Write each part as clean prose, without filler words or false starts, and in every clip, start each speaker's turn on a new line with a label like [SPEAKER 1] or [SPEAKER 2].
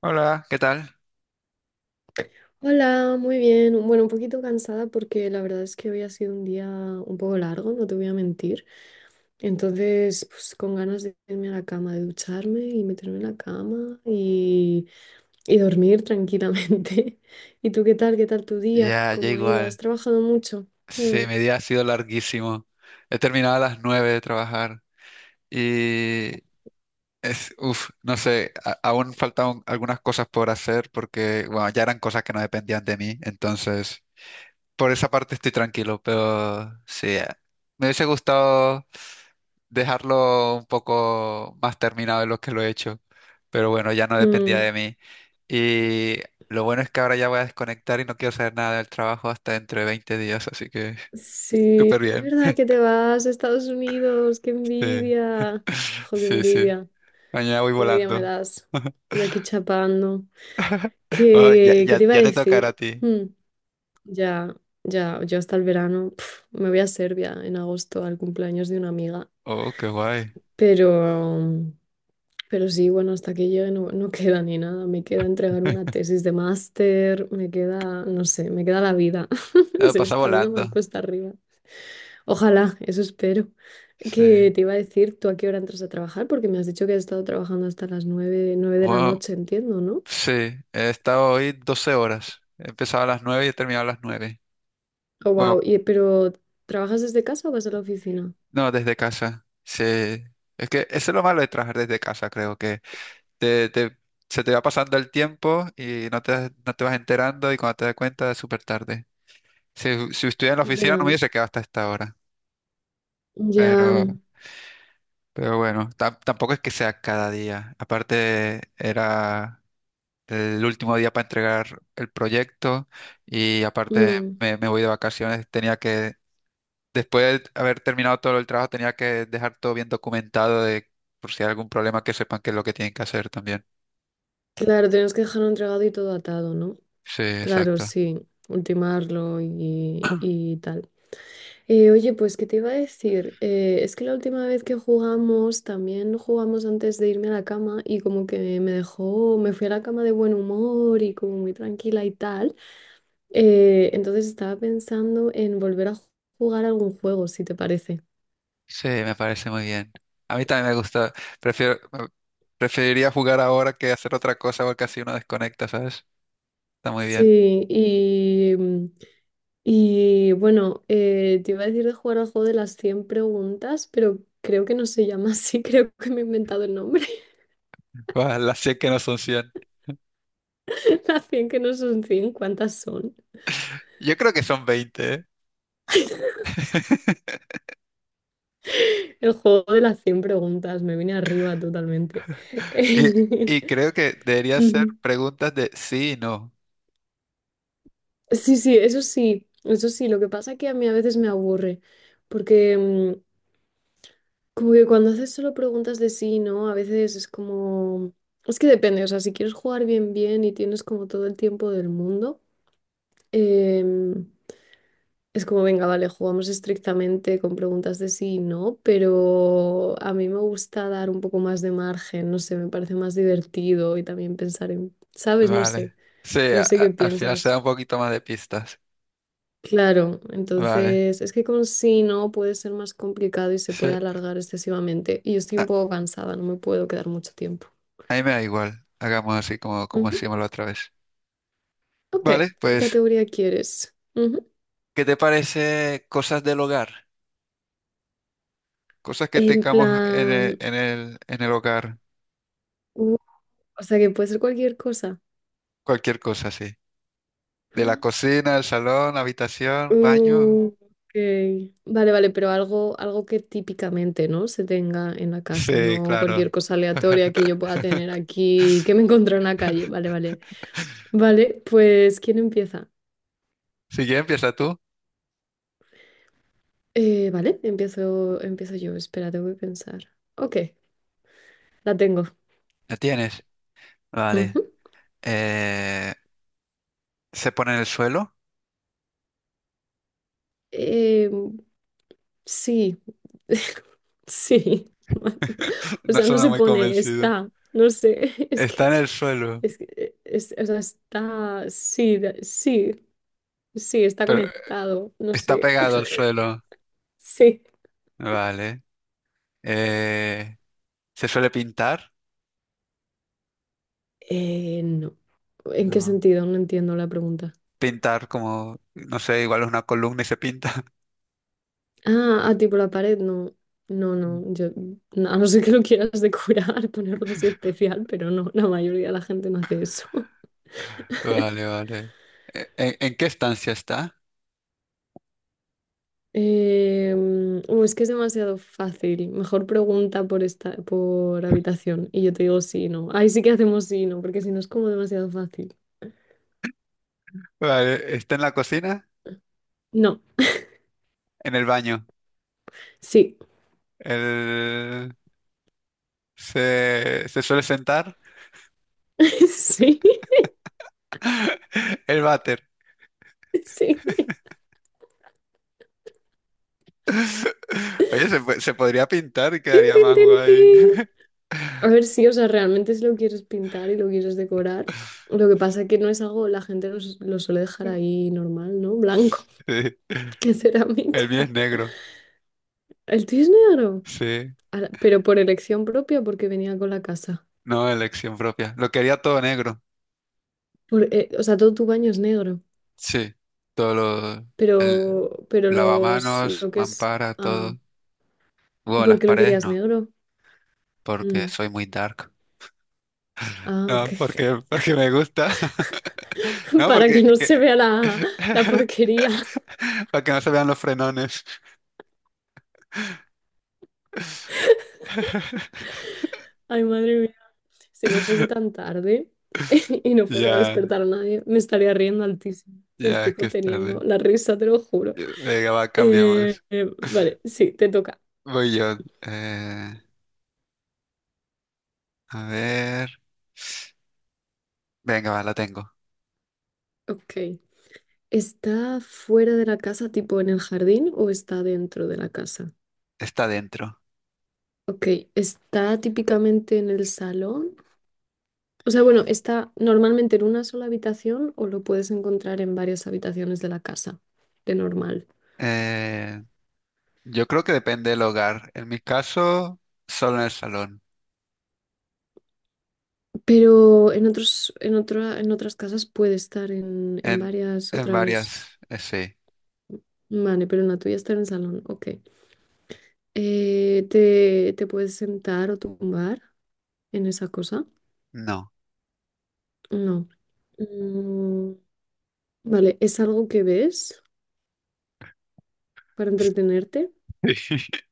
[SPEAKER 1] Hola, ¿qué tal?
[SPEAKER 2] Hola, muy bien. Bueno, un poquito cansada porque la verdad es que hoy ha sido un día un poco largo, no te voy a mentir. Entonces, pues con ganas de irme a la cama, de ducharme y meterme en la cama y dormir tranquilamente. ¿Y tú qué tal? ¿Qué tal tu día?
[SPEAKER 1] Ya, ya
[SPEAKER 2] ¿Cómo ha ido? ¿Has
[SPEAKER 1] igual.
[SPEAKER 2] trabajado mucho? Mm,
[SPEAKER 1] Sí, mi día ha sido larguísimo. He terminado a las 9 de trabajar y es, uff, no sé, aún faltan algunas cosas por hacer porque, bueno, ya eran cosas que no dependían de mí, entonces. Por esa parte estoy tranquilo, pero sí, me hubiese gustado dejarlo un poco más terminado de lo que lo he hecho, pero bueno, ya no dependía
[SPEAKER 2] mm.
[SPEAKER 1] de mí. Y lo bueno es que ahora ya voy a desconectar y no quiero saber nada del trabajo hasta dentro de 20 días, así que
[SPEAKER 2] Sí,
[SPEAKER 1] súper
[SPEAKER 2] es
[SPEAKER 1] bien.
[SPEAKER 2] verdad que te vas a Estados Unidos. ¡Qué
[SPEAKER 1] Sí,
[SPEAKER 2] envidia! ¡Jo, qué
[SPEAKER 1] sí, sí.
[SPEAKER 2] envidia!
[SPEAKER 1] Mañana voy
[SPEAKER 2] ¡Qué envidia me
[SPEAKER 1] volando.
[SPEAKER 2] das! Yo aquí chapando.
[SPEAKER 1] Wow, ya,
[SPEAKER 2] ¿Qué
[SPEAKER 1] ya,
[SPEAKER 2] te iba a
[SPEAKER 1] ya te tocará a
[SPEAKER 2] decir?
[SPEAKER 1] ti.
[SPEAKER 2] Hmm, ya, ya. Yo hasta el verano me voy a Serbia en agosto al cumpleaños de una amiga,
[SPEAKER 1] Oh, qué guay.
[SPEAKER 2] pero, pero sí, bueno, hasta que llegue no queda ni nada, me queda entregar una tesis de máster, me queda, no sé, me queda la vida.
[SPEAKER 1] No,
[SPEAKER 2] Se me
[SPEAKER 1] pasa
[SPEAKER 2] está haciendo
[SPEAKER 1] volando.
[SPEAKER 2] más cuesta arriba. Ojalá, eso espero.
[SPEAKER 1] Sí.
[SPEAKER 2] Que te iba a decir? ¿Tú a qué hora entras a trabajar? Porque me has dicho que has estado trabajando hasta las nueve, nueve de la
[SPEAKER 1] Bueno,
[SPEAKER 2] noche, entiendo, ¿no?
[SPEAKER 1] sí, he estado hoy 12 horas. He empezado a las 9 y he terminado a las 9.
[SPEAKER 2] Oh, wow.
[SPEAKER 1] Bueno,
[SPEAKER 2] Pero, ¿trabajas desde casa o vas a la oficina?
[SPEAKER 1] no, desde casa. Sí. Es que eso es lo malo de trabajar desde casa, creo que te, te- se te va pasando el tiempo y no te vas enterando y cuando te das cuenta es súper tarde. Si estuviera en la oficina
[SPEAKER 2] Ya,
[SPEAKER 1] no me hubiese quedado hasta esta hora.
[SPEAKER 2] ya.
[SPEAKER 1] Pero, pero bueno, tampoco es que sea cada día. Aparte era el último día para entregar el proyecto y aparte
[SPEAKER 2] Mm.
[SPEAKER 1] me voy de vacaciones, tenía que. Después de haber terminado todo el trabajo, tenía que dejar todo bien documentado de por si hay algún problema que sepan qué es lo que tienen que hacer también.
[SPEAKER 2] Claro, tenemos que dejarlo entregado y todo atado, ¿no?
[SPEAKER 1] Sí,
[SPEAKER 2] Claro,
[SPEAKER 1] exacto.
[SPEAKER 2] sí. Ultimarlo y tal. Oye, pues, ¿qué te iba a decir? Es que la última vez que jugamos, también jugamos antes de irme a la cama y como que me dejó, me fui a la cama de buen humor y como muy tranquila y tal. Entonces estaba pensando en volver a jugar algún juego, si te parece.
[SPEAKER 1] Sí, me parece muy bien. A mí también me gusta. Prefiero, preferiría jugar ahora que hacer otra cosa porque así uno desconecta, ¿sabes? Está muy bien.
[SPEAKER 2] Sí, y bueno, te iba a decir de jugar al juego de las 100 preguntas, pero creo que no se llama así. Creo que me he inventado el nombre.
[SPEAKER 1] Guau, las 100 que no son 100.
[SPEAKER 2] Las 100 que no son cien, ¿cuántas son?
[SPEAKER 1] Yo creo que son 20, ¿eh?
[SPEAKER 2] El juego de las 100 preguntas, me vine arriba totalmente.
[SPEAKER 1] Y, y creo que debería ser
[SPEAKER 2] Ujú.
[SPEAKER 1] preguntas de sí y no.
[SPEAKER 2] Sí, sí, eso sí, eso sí. Lo que pasa es que a mí a veces me aburre, porque como que cuando haces solo preguntas de sí, ¿no? A veces es como... Es que depende, o sea, si quieres jugar bien, bien y tienes como todo el tiempo del mundo, em, es como, venga, vale, jugamos estrictamente con preguntas de sí, y ¿no? Pero a mí me gusta dar un poco más de margen, no sé, me parece más divertido y también pensar en, ¿sabes? No sé,
[SPEAKER 1] Vale. Sí, a-
[SPEAKER 2] no sé
[SPEAKER 1] a-
[SPEAKER 2] qué
[SPEAKER 1] al final se da
[SPEAKER 2] piensas.
[SPEAKER 1] un poquito más de pistas.
[SPEAKER 2] Claro,
[SPEAKER 1] Vale.
[SPEAKER 2] entonces es que con sí, no puede ser más complicado y se
[SPEAKER 1] Sí.
[SPEAKER 2] puede
[SPEAKER 1] Ah,
[SPEAKER 2] alargar excesivamente. Y yo estoy un poco cansada, no me puedo quedar mucho tiempo.
[SPEAKER 1] a mí me da igual. Hagamos así como, como
[SPEAKER 2] Ujú.
[SPEAKER 1] hacíamos la otra vez.
[SPEAKER 2] Ok,
[SPEAKER 1] Vale,
[SPEAKER 2] ¿qué
[SPEAKER 1] pues,
[SPEAKER 2] categoría quieres? Ujú.
[SPEAKER 1] ¿qué te parece cosas del hogar? Cosas que
[SPEAKER 2] En
[SPEAKER 1] tengamos en el,
[SPEAKER 2] plan,
[SPEAKER 1] en el, en el hogar.
[SPEAKER 2] uh, o sea que puede ser cualquier cosa.
[SPEAKER 1] Cualquier cosa, sí. De la cocina, el salón,
[SPEAKER 2] Ah,
[SPEAKER 1] habitación, baño.
[SPEAKER 2] ok. Vale, vale, pero algo que típicamente, ¿no? Se tenga en la casa,
[SPEAKER 1] Sí,
[SPEAKER 2] no
[SPEAKER 1] claro.
[SPEAKER 2] cualquier cosa aleatoria que yo pueda tener aquí, que me encontré en la calle. Vale, vale. Vale, pues, ¿quién empieza?
[SPEAKER 1] Si ya empieza tú.
[SPEAKER 2] Vale, empiezo yo. Espera, tengo que pensar. Ok, la tengo.
[SPEAKER 1] ¿La tienes? Vale.
[SPEAKER 2] Ujú.
[SPEAKER 1] Eh, ¿Se pone en el suelo?
[SPEAKER 2] Em, Sí. Sí. O
[SPEAKER 1] No
[SPEAKER 2] sea, no
[SPEAKER 1] suena
[SPEAKER 2] se
[SPEAKER 1] muy
[SPEAKER 2] pone,
[SPEAKER 1] convencido.
[SPEAKER 2] está, no sé. es
[SPEAKER 1] Está
[SPEAKER 2] que,
[SPEAKER 1] en el suelo,
[SPEAKER 2] es que, es- o sea, está, sí, sí, sí, está
[SPEAKER 1] pero
[SPEAKER 2] conectado, no
[SPEAKER 1] está
[SPEAKER 2] sé.
[SPEAKER 1] pegado al suelo.
[SPEAKER 2] Sí.
[SPEAKER 1] Vale. Eh, ¿Se suele pintar?
[SPEAKER 2] No. ¿En qué
[SPEAKER 1] No.
[SPEAKER 2] sentido? No entiendo la pregunta.
[SPEAKER 1] Pintar como, no sé, igual es una columna y se pinta.
[SPEAKER 2] Ah, ah, tipo la pared, no. No, no, yo, no, a no ser que lo quieras decorar, ponerlo así especial, pero no, la mayoría de la gente no hace eso.
[SPEAKER 1] Vale, vale. ¿En qué estancia está?
[SPEAKER 2] Es que es demasiado fácil. Mejor pregunta por esta, por habitación. Y yo te digo sí y no. Ahí sí que hacemos sí y no, porque si no es como demasiado fácil.
[SPEAKER 1] Vale, ¿está en la cocina?
[SPEAKER 2] No,
[SPEAKER 1] En el baño.
[SPEAKER 2] sí.
[SPEAKER 1] El. Se suele sentar.
[SPEAKER 2] Sí,
[SPEAKER 1] El váter.
[SPEAKER 2] sí.
[SPEAKER 1] Oye, se podría pintar y
[SPEAKER 2] Tin,
[SPEAKER 1] quedaría
[SPEAKER 2] tin,
[SPEAKER 1] más
[SPEAKER 2] tin,
[SPEAKER 1] guay.
[SPEAKER 2] tin. A ver si, o sea, realmente si lo quieres pintar y lo quieres decorar. Lo que pasa que no es algo, la gente lo suele dejar ahí normal, ¿no? Blanco.
[SPEAKER 1] Sí.
[SPEAKER 2] Que
[SPEAKER 1] El mío es
[SPEAKER 2] cerámica.
[SPEAKER 1] negro.
[SPEAKER 2] El tuyo es negro.
[SPEAKER 1] Sí.
[SPEAKER 2] Ala, pero por elección propia, porque venía con la casa.
[SPEAKER 1] No, elección propia. Lo quería todo negro.
[SPEAKER 2] O sea, todo tu baño es negro.
[SPEAKER 1] Sí. Todo lo. El
[SPEAKER 2] Pero
[SPEAKER 1] lavamanos,
[SPEAKER 2] lo que es...
[SPEAKER 1] mampara,
[SPEAKER 2] Ah,
[SPEAKER 1] todo.
[SPEAKER 2] ¿y
[SPEAKER 1] Bueno,
[SPEAKER 2] por
[SPEAKER 1] las
[SPEAKER 2] qué lo
[SPEAKER 1] paredes
[SPEAKER 2] querías
[SPEAKER 1] no,
[SPEAKER 2] negro?
[SPEAKER 1] porque
[SPEAKER 2] Mm,
[SPEAKER 1] soy muy dark.
[SPEAKER 2] ah,
[SPEAKER 1] No,
[SPEAKER 2] ok.
[SPEAKER 1] porque me gusta. No,
[SPEAKER 2] Para
[SPEAKER 1] porque.
[SPEAKER 2] que no se vea la porquería.
[SPEAKER 1] Para que no se vean los frenones.
[SPEAKER 2] Ay, madre mía. Si no fuese tan tarde y no fuese a
[SPEAKER 1] Ya,
[SPEAKER 2] despertar a nadie, me estaría riendo altísimo. Me
[SPEAKER 1] ya,
[SPEAKER 2] estoy
[SPEAKER 1] que es
[SPEAKER 2] conteniendo
[SPEAKER 1] tarde.
[SPEAKER 2] la risa, te lo juro.
[SPEAKER 1] Venga, va,
[SPEAKER 2] Eh,
[SPEAKER 1] cambiamos.
[SPEAKER 2] eh, vale, sí, te toca.
[SPEAKER 1] Voy yo. A ver. Venga, va, la tengo.
[SPEAKER 2] Ok. ¿Está fuera de la casa, tipo en el jardín, o está dentro de la casa?
[SPEAKER 1] Está dentro.
[SPEAKER 2] Ok, ¿está típicamente en el salón? O sea, bueno, está normalmente en una sola habitación o lo puedes encontrar en varias habitaciones de la casa, de normal.
[SPEAKER 1] Eh, yo creo que depende del hogar. En mi caso, solo en el salón.
[SPEAKER 2] Pero en otras casas puede estar en,
[SPEAKER 1] En,
[SPEAKER 2] varias
[SPEAKER 1] en
[SPEAKER 2] otras.
[SPEAKER 1] varias, sí.
[SPEAKER 2] Vale, pero en la tuya está en el salón, ok. ¿Te puedes sentar o tumbar en esa cosa?
[SPEAKER 1] No.
[SPEAKER 2] No. Mm, vale, ¿es algo que ves para entretenerte?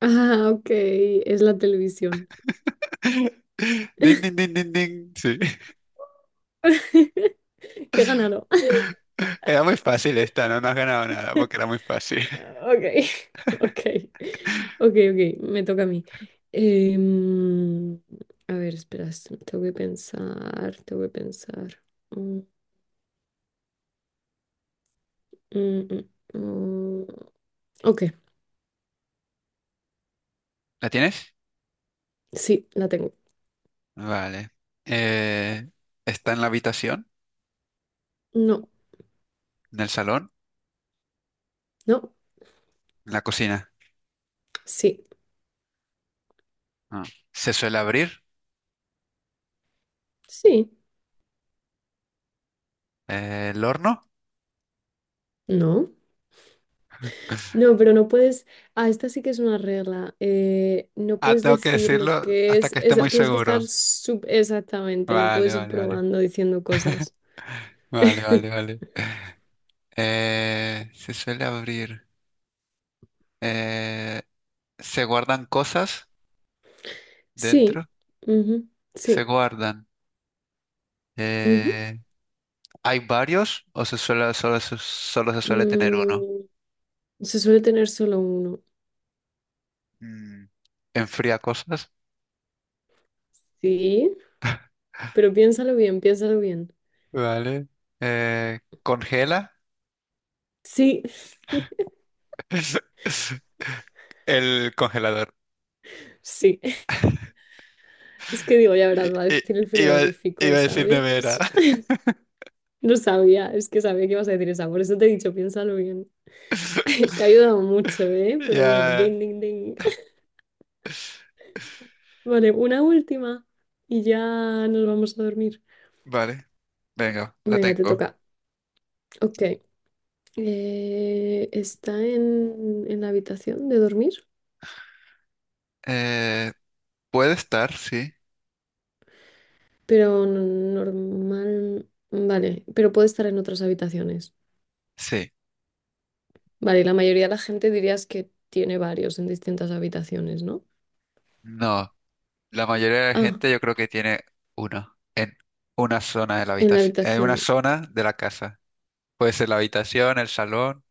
[SPEAKER 2] Ah, ok, es la televisión.
[SPEAKER 1] Din, din, din, din, din. Sí.
[SPEAKER 2] Qué ganado.
[SPEAKER 1] Era muy fácil esta, no, no has ganado nada porque era muy fácil.
[SPEAKER 2] Ok. Ok, ok, ok, me toca a mí. Em, a ver, espera, tengo que pensar, tengo que pensar. Mm, mm, mm, mm. Ok,
[SPEAKER 1] ¿La tienes?
[SPEAKER 2] sí, la tengo.
[SPEAKER 1] Vale. Eh, ¿Está en la habitación?
[SPEAKER 2] No,
[SPEAKER 1] ¿En el salón?
[SPEAKER 2] no,
[SPEAKER 1] ¿En la cocina?
[SPEAKER 2] sí,
[SPEAKER 1] Ah. ¿Se suele abrir?
[SPEAKER 2] sí,
[SPEAKER 1] ¿El horno?
[SPEAKER 2] no. No, pero no puedes, ah, esta sí que es una regla. No
[SPEAKER 1] Ah,
[SPEAKER 2] puedes
[SPEAKER 1] tengo que
[SPEAKER 2] decir lo
[SPEAKER 1] decirlo
[SPEAKER 2] que
[SPEAKER 1] hasta
[SPEAKER 2] es.
[SPEAKER 1] que esté muy
[SPEAKER 2] Tienes que estar
[SPEAKER 1] seguro.
[SPEAKER 2] exactamente, no
[SPEAKER 1] Vale,
[SPEAKER 2] puedes ir
[SPEAKER 1] vale, vale.
[SPEAKER 2] probando diciendo cosas.
[SPEAKER 1] Vale, vale, vale. Se suele abrir. Eh, ¿Se guardan cosas
[SPEAKER 2] Sí,
[SPEAKER 1] dentro?
[SPEAKER 2] ujú,
[SPEAKER 1] Se
[SPEAKER 2] sí.
[SPEAKER 1] guardan.
[SPEAKER 2] Ujú.
[SPEAKER 1] Eh, ¿Hay varios o se suele, solo se suele tener uno?
[SPEAKER 2] Mm, se suele tener solo uno,
[SPEAKER 1] Mm, ¿enfría cosas?
[SPEAKER 2] sí, pero piénsalo bien, piénsalo bien.
[SPEAKER 1] Vale. ¿Congela?
[SPEAKER 2] Sí.
[SPEAKER 1] El congelador.
[SPEAKER 2] Sí. Es que digo, ya
[SPEAKER 1] I-
[SPEAKER 2] verás, va a
[SPEAKER 1] i-
[SPEAKER 2] decir el
[SPEAKER 1] iba, iba
[SPEAKER 2] frigorífico,
[SPEAKER 1] a decir
[SPEAKER 2] ¿sabes?
[SPEAKER 1] nevera.
[SPEAKER 2] No sabía, es que sabía que ibas a decir esa, por eso te he dicho, piénsalo bien. Te ha ayudado mucho, ¿eh? Pero bueno,
[SPEAKER 1] Ya.
[SPEAKER 2] ding, ding, ding. Vale, una última y ya nos vamos a dormir.
[SPEAKER 1] Vale, venga, la
[SPEAKER 2] Venga, te
[SPEAKER 1] tengo.
[SPEAKER 2] toca. Ok. ¿Está en la habitación de dormir?
[SPEAKER 1] Eh, ¿Puede estar? Sí.
[SPEAKER 2] Pero normal, vale, pero puede estar en otras habitaciones.
[SPEAKER 1] Sí.
[SPEAKER 2] Vale, y la mayoría de la gente dirías que tiene varios en distintas habitaciones, ¿no?
[SPEAKER 1] No. La mayoría de la
[SPEAKER 2] Ah,
[SPEAKER 1] gente yo creo que tiene uno en una zona de la
[SPEAKER 2] en la
[SPEAKER 1] habitación, en una
[SPEAKER 2] habitación.
[SPEAKER 1] zona de la casa. Puede ser la habitación, el salón.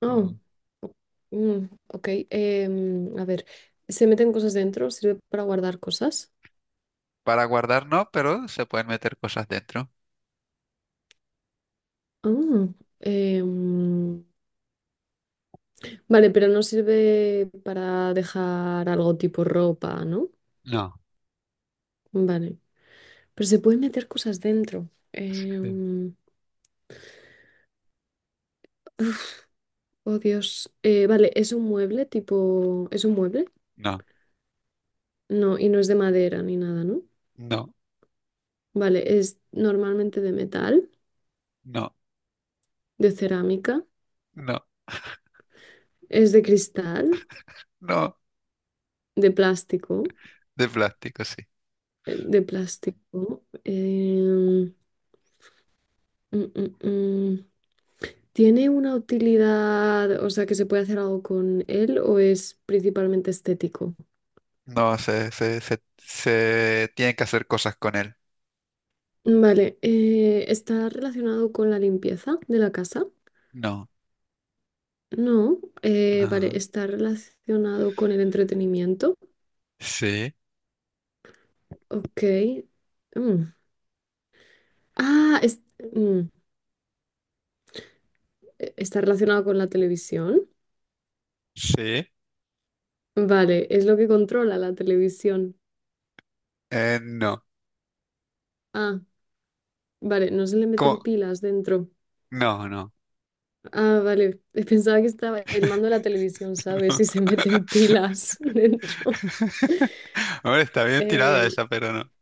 [SPEAKER 2] Oh,
[SPEAKER 1] o-
[SPEAKER 2] o- ok. A ver, ¿se meten cosas dentro? ¿Sirve para guardar cosas?
[SPEAKER 1] Para guardar no, pero se pueden meter cosas dentro.
[SPEAKER 2] Ah, em, vale, pero no sirve para dejar algo tipo ropa, ¿no?
[SPEAKER 1] No,
[SPEAKER 2] Vale, pero se pueden meter cosas dentro.
[SPEAKER 1] sí.
[SPEAKER 2] Oh, Dios. Vale, es un mueble tipo... ¿Es un mueble?
[SPEAKER 1] No,
[SPEAKER 2] No, y no es de madera ni nada, ¿no?
[SPEAKER 1] no,
[SPEAKER 2] Vale, es normalmente de metal,
[SPEAKER 1] no,
[SPEAKER 2] de cerámica,
[SPEAKER 1] no,
[SPEAKER 2] es de cristal,
[SPEAKER 1] no.
[SPEAKER 2] de plástico,
[SPEAKER 1] De plástico, sí.
[SPEAKER 2] de plástico. Mm, mm, mm. ¿Tiene una utilidad, o sea, que se puede hacer algo con él o es principalmente estético?
[SPEAKER 1] No, se tienen que hacer cosas con él.
[SPEAKER 2] Vale, ¿está relacionado con la limpieza de la casa?
[SPEAKER 1] No,
[SPEAKER 2] No, vale,
[SPEAKER 1] no.
[SPEAKER 2] está relacionado con el entretenimiento.
[SPEAKER 1] Sí,
[SPEAKER 2] Ok. Mm. Ah, mm, está relacionado con la televisión.
[SPEAKER 1] sí.
[SPEAKER 2] Vale, es lo que controla la televisión.
[SPEAKER 1] No.
[SPEAKER 2] Ah, vale, no se le meten
[SPEAKER 1] ¿Cómo?
[SPEAKER 2] pilas dentro.
[SPEAKER 1] No, no.
[SPEAKER 2] Ah, vale, pensaba que estaba el mando de la televisión, ¿sabes?
[SPEAKER 1] No.
[SPEAKER 2] Si se meten pilas dentro.
[SPEAKER 1] Hombre, está bien tirada
[SPEAKER 2] Em,
[SPEAKER 1] esa, pero no.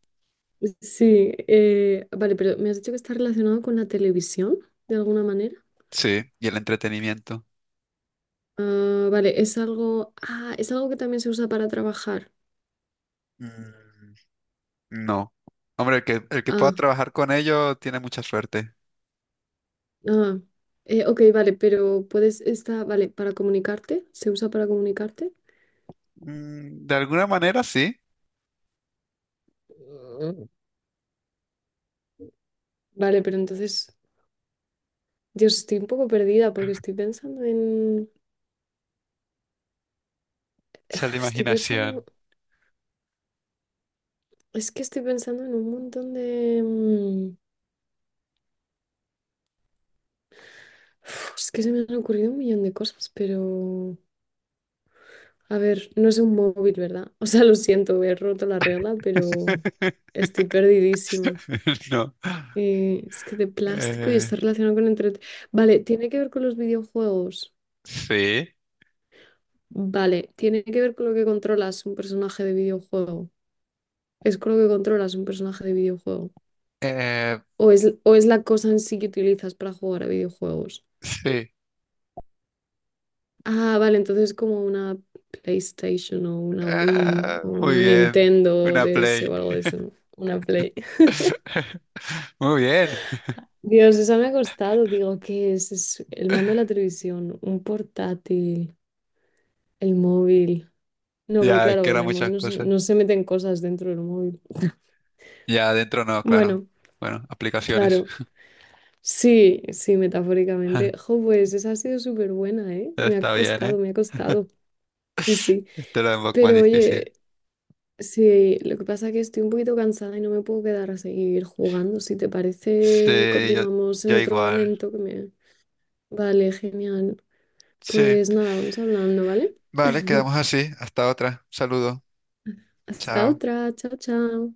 [SPEAKER 2] sí, vale, pero me has dicho que está relacionado con la televisión, de alguna manera.
[SPEAKER 1] Sí, y el entretenimiento.
[SPEAKER 2] Ah, vale, es algo. Ah, es algo que también se usa para trabajar.
[SPEAKER 1] Mm. No. Hombre, el que pueda
[SPEAKER 2] Ah,
[SPEAKER 1] trabajar con ellos tiene mucha suerte.
[SPEAKER 2] ah. Ok, vale, pero puedes. Está, vale, para comunicarte. ¿Se usa para comunicarte?
[SPEAKER 1] Mm, de alguna manera sí.
[SPEAKER 2] Mm. Vale, pero entonces. Dios, estoy un poco perdida porque estoy pensando en.
[SPEAKER 1] Sea la
[SPEAKER 2] Estoy
[SPEAKER 1] imaginación.
[SPEAKER 2] pensando. Es que estoy pensando en un montón de. Es que se me han ocurrido un millón de cosas, pero. A ver, no es un móvil, ¿verdad? O sea, lo siento, he roto la regla, pero estoy perdidísima.
[SPEAKER 1] No.
[SPEAKER 2] Es que de plástico y
[SPEAKER 1] Eh,
[SPEAKER 2] está relacionado con entre... Vale, tiene que ver con los videojuegos.
[SPEAKER 1] sí.
[SPEAKER 2] Vale, tiene que ver con lo que controlas un personaje de videojuego. Es con lo que controlas un personaje de videojuego.
[SPEAKER 1] Eh,
[SPEAKER 2] O es la cosa en sí que utilizas para jugar a videojuegos.
[SPEAKER 1] sí.
[SPEAKER 2] Ah, vale, entonces es como una PlayStation o una Wii
[SPEAKER 1] Ah,
[SPEAKER 2] o
[SPEAKER 1] muy
[SPEAKER 2] una
[SPEAKER 1] bien.
[SPEAKER 2] Nintendo
[SPEAKER 1] Una
[SPEAKER 2] DS
[SPEAKER 1] play.
[SPEAKER 2] o algo de eso, ¿no? Una Play.
[SPEAKER 1] Muy bien.
[SPEAKER 2] Dios, eso me ha costado. Digo, ¿qué es? Es el mando de la televisión, un portátil, el móvil. No, pero
[SPEAKER 1] Ya, es que
[SPEAKER 2] claro, en
[SPEAKER 1] eran
[SPEAKER 2] el
[SPEAKER 1] muchas
[SPEAKER 2] móvil no, se
[SPEAKER 1] cosas.
[SPEAKER 2] no se meten cosas dentro del móvil.
[SPEAKER 1] Ya, adentro no, claro.
[SPEAKER 2] Bueno,
[SPEAKER 1] Bueno, aplicaciones.
[SPEAKER 2] claro. Sí, sí, metafóricamente. Jo, pues esa ha sido súper buena, ¿eh? Me ha
[SPEAKER 1] Está bien, ¿eh?
[SPEAKER 2] costado, me ha costado. Sí, sí.
[SPEAKER 1] Este era un poco más
[SPEAKER 2] Pero
[SPEAKER 1] difícil.
[SPEAKER 2] oye, sí, lo que pasa es que estoy un poquito cansada y no me puedo quedar a seguir jugando. Si te parece,
[SPEAKER 1] Sí, yo,
[SPEAKER 2] continuamos en
[SPEAKER 1] yo
[SPEAKER 2] otro
[SPEAKER 1] igual.
[SPEAKER 2] momento que me... Vale, genial.
[SPEAKER 1] Sí.
[SPEAKER 2] Pues nada, vamos hablando, ¿vale?
[SPEAKER 1] Vale, quedamos así. Hasta otra. Saludo.
[SPEAKER 2] Hasta
[SPEAKER 1] Chao.
[SPEAKER 2] otra. Chao, chao.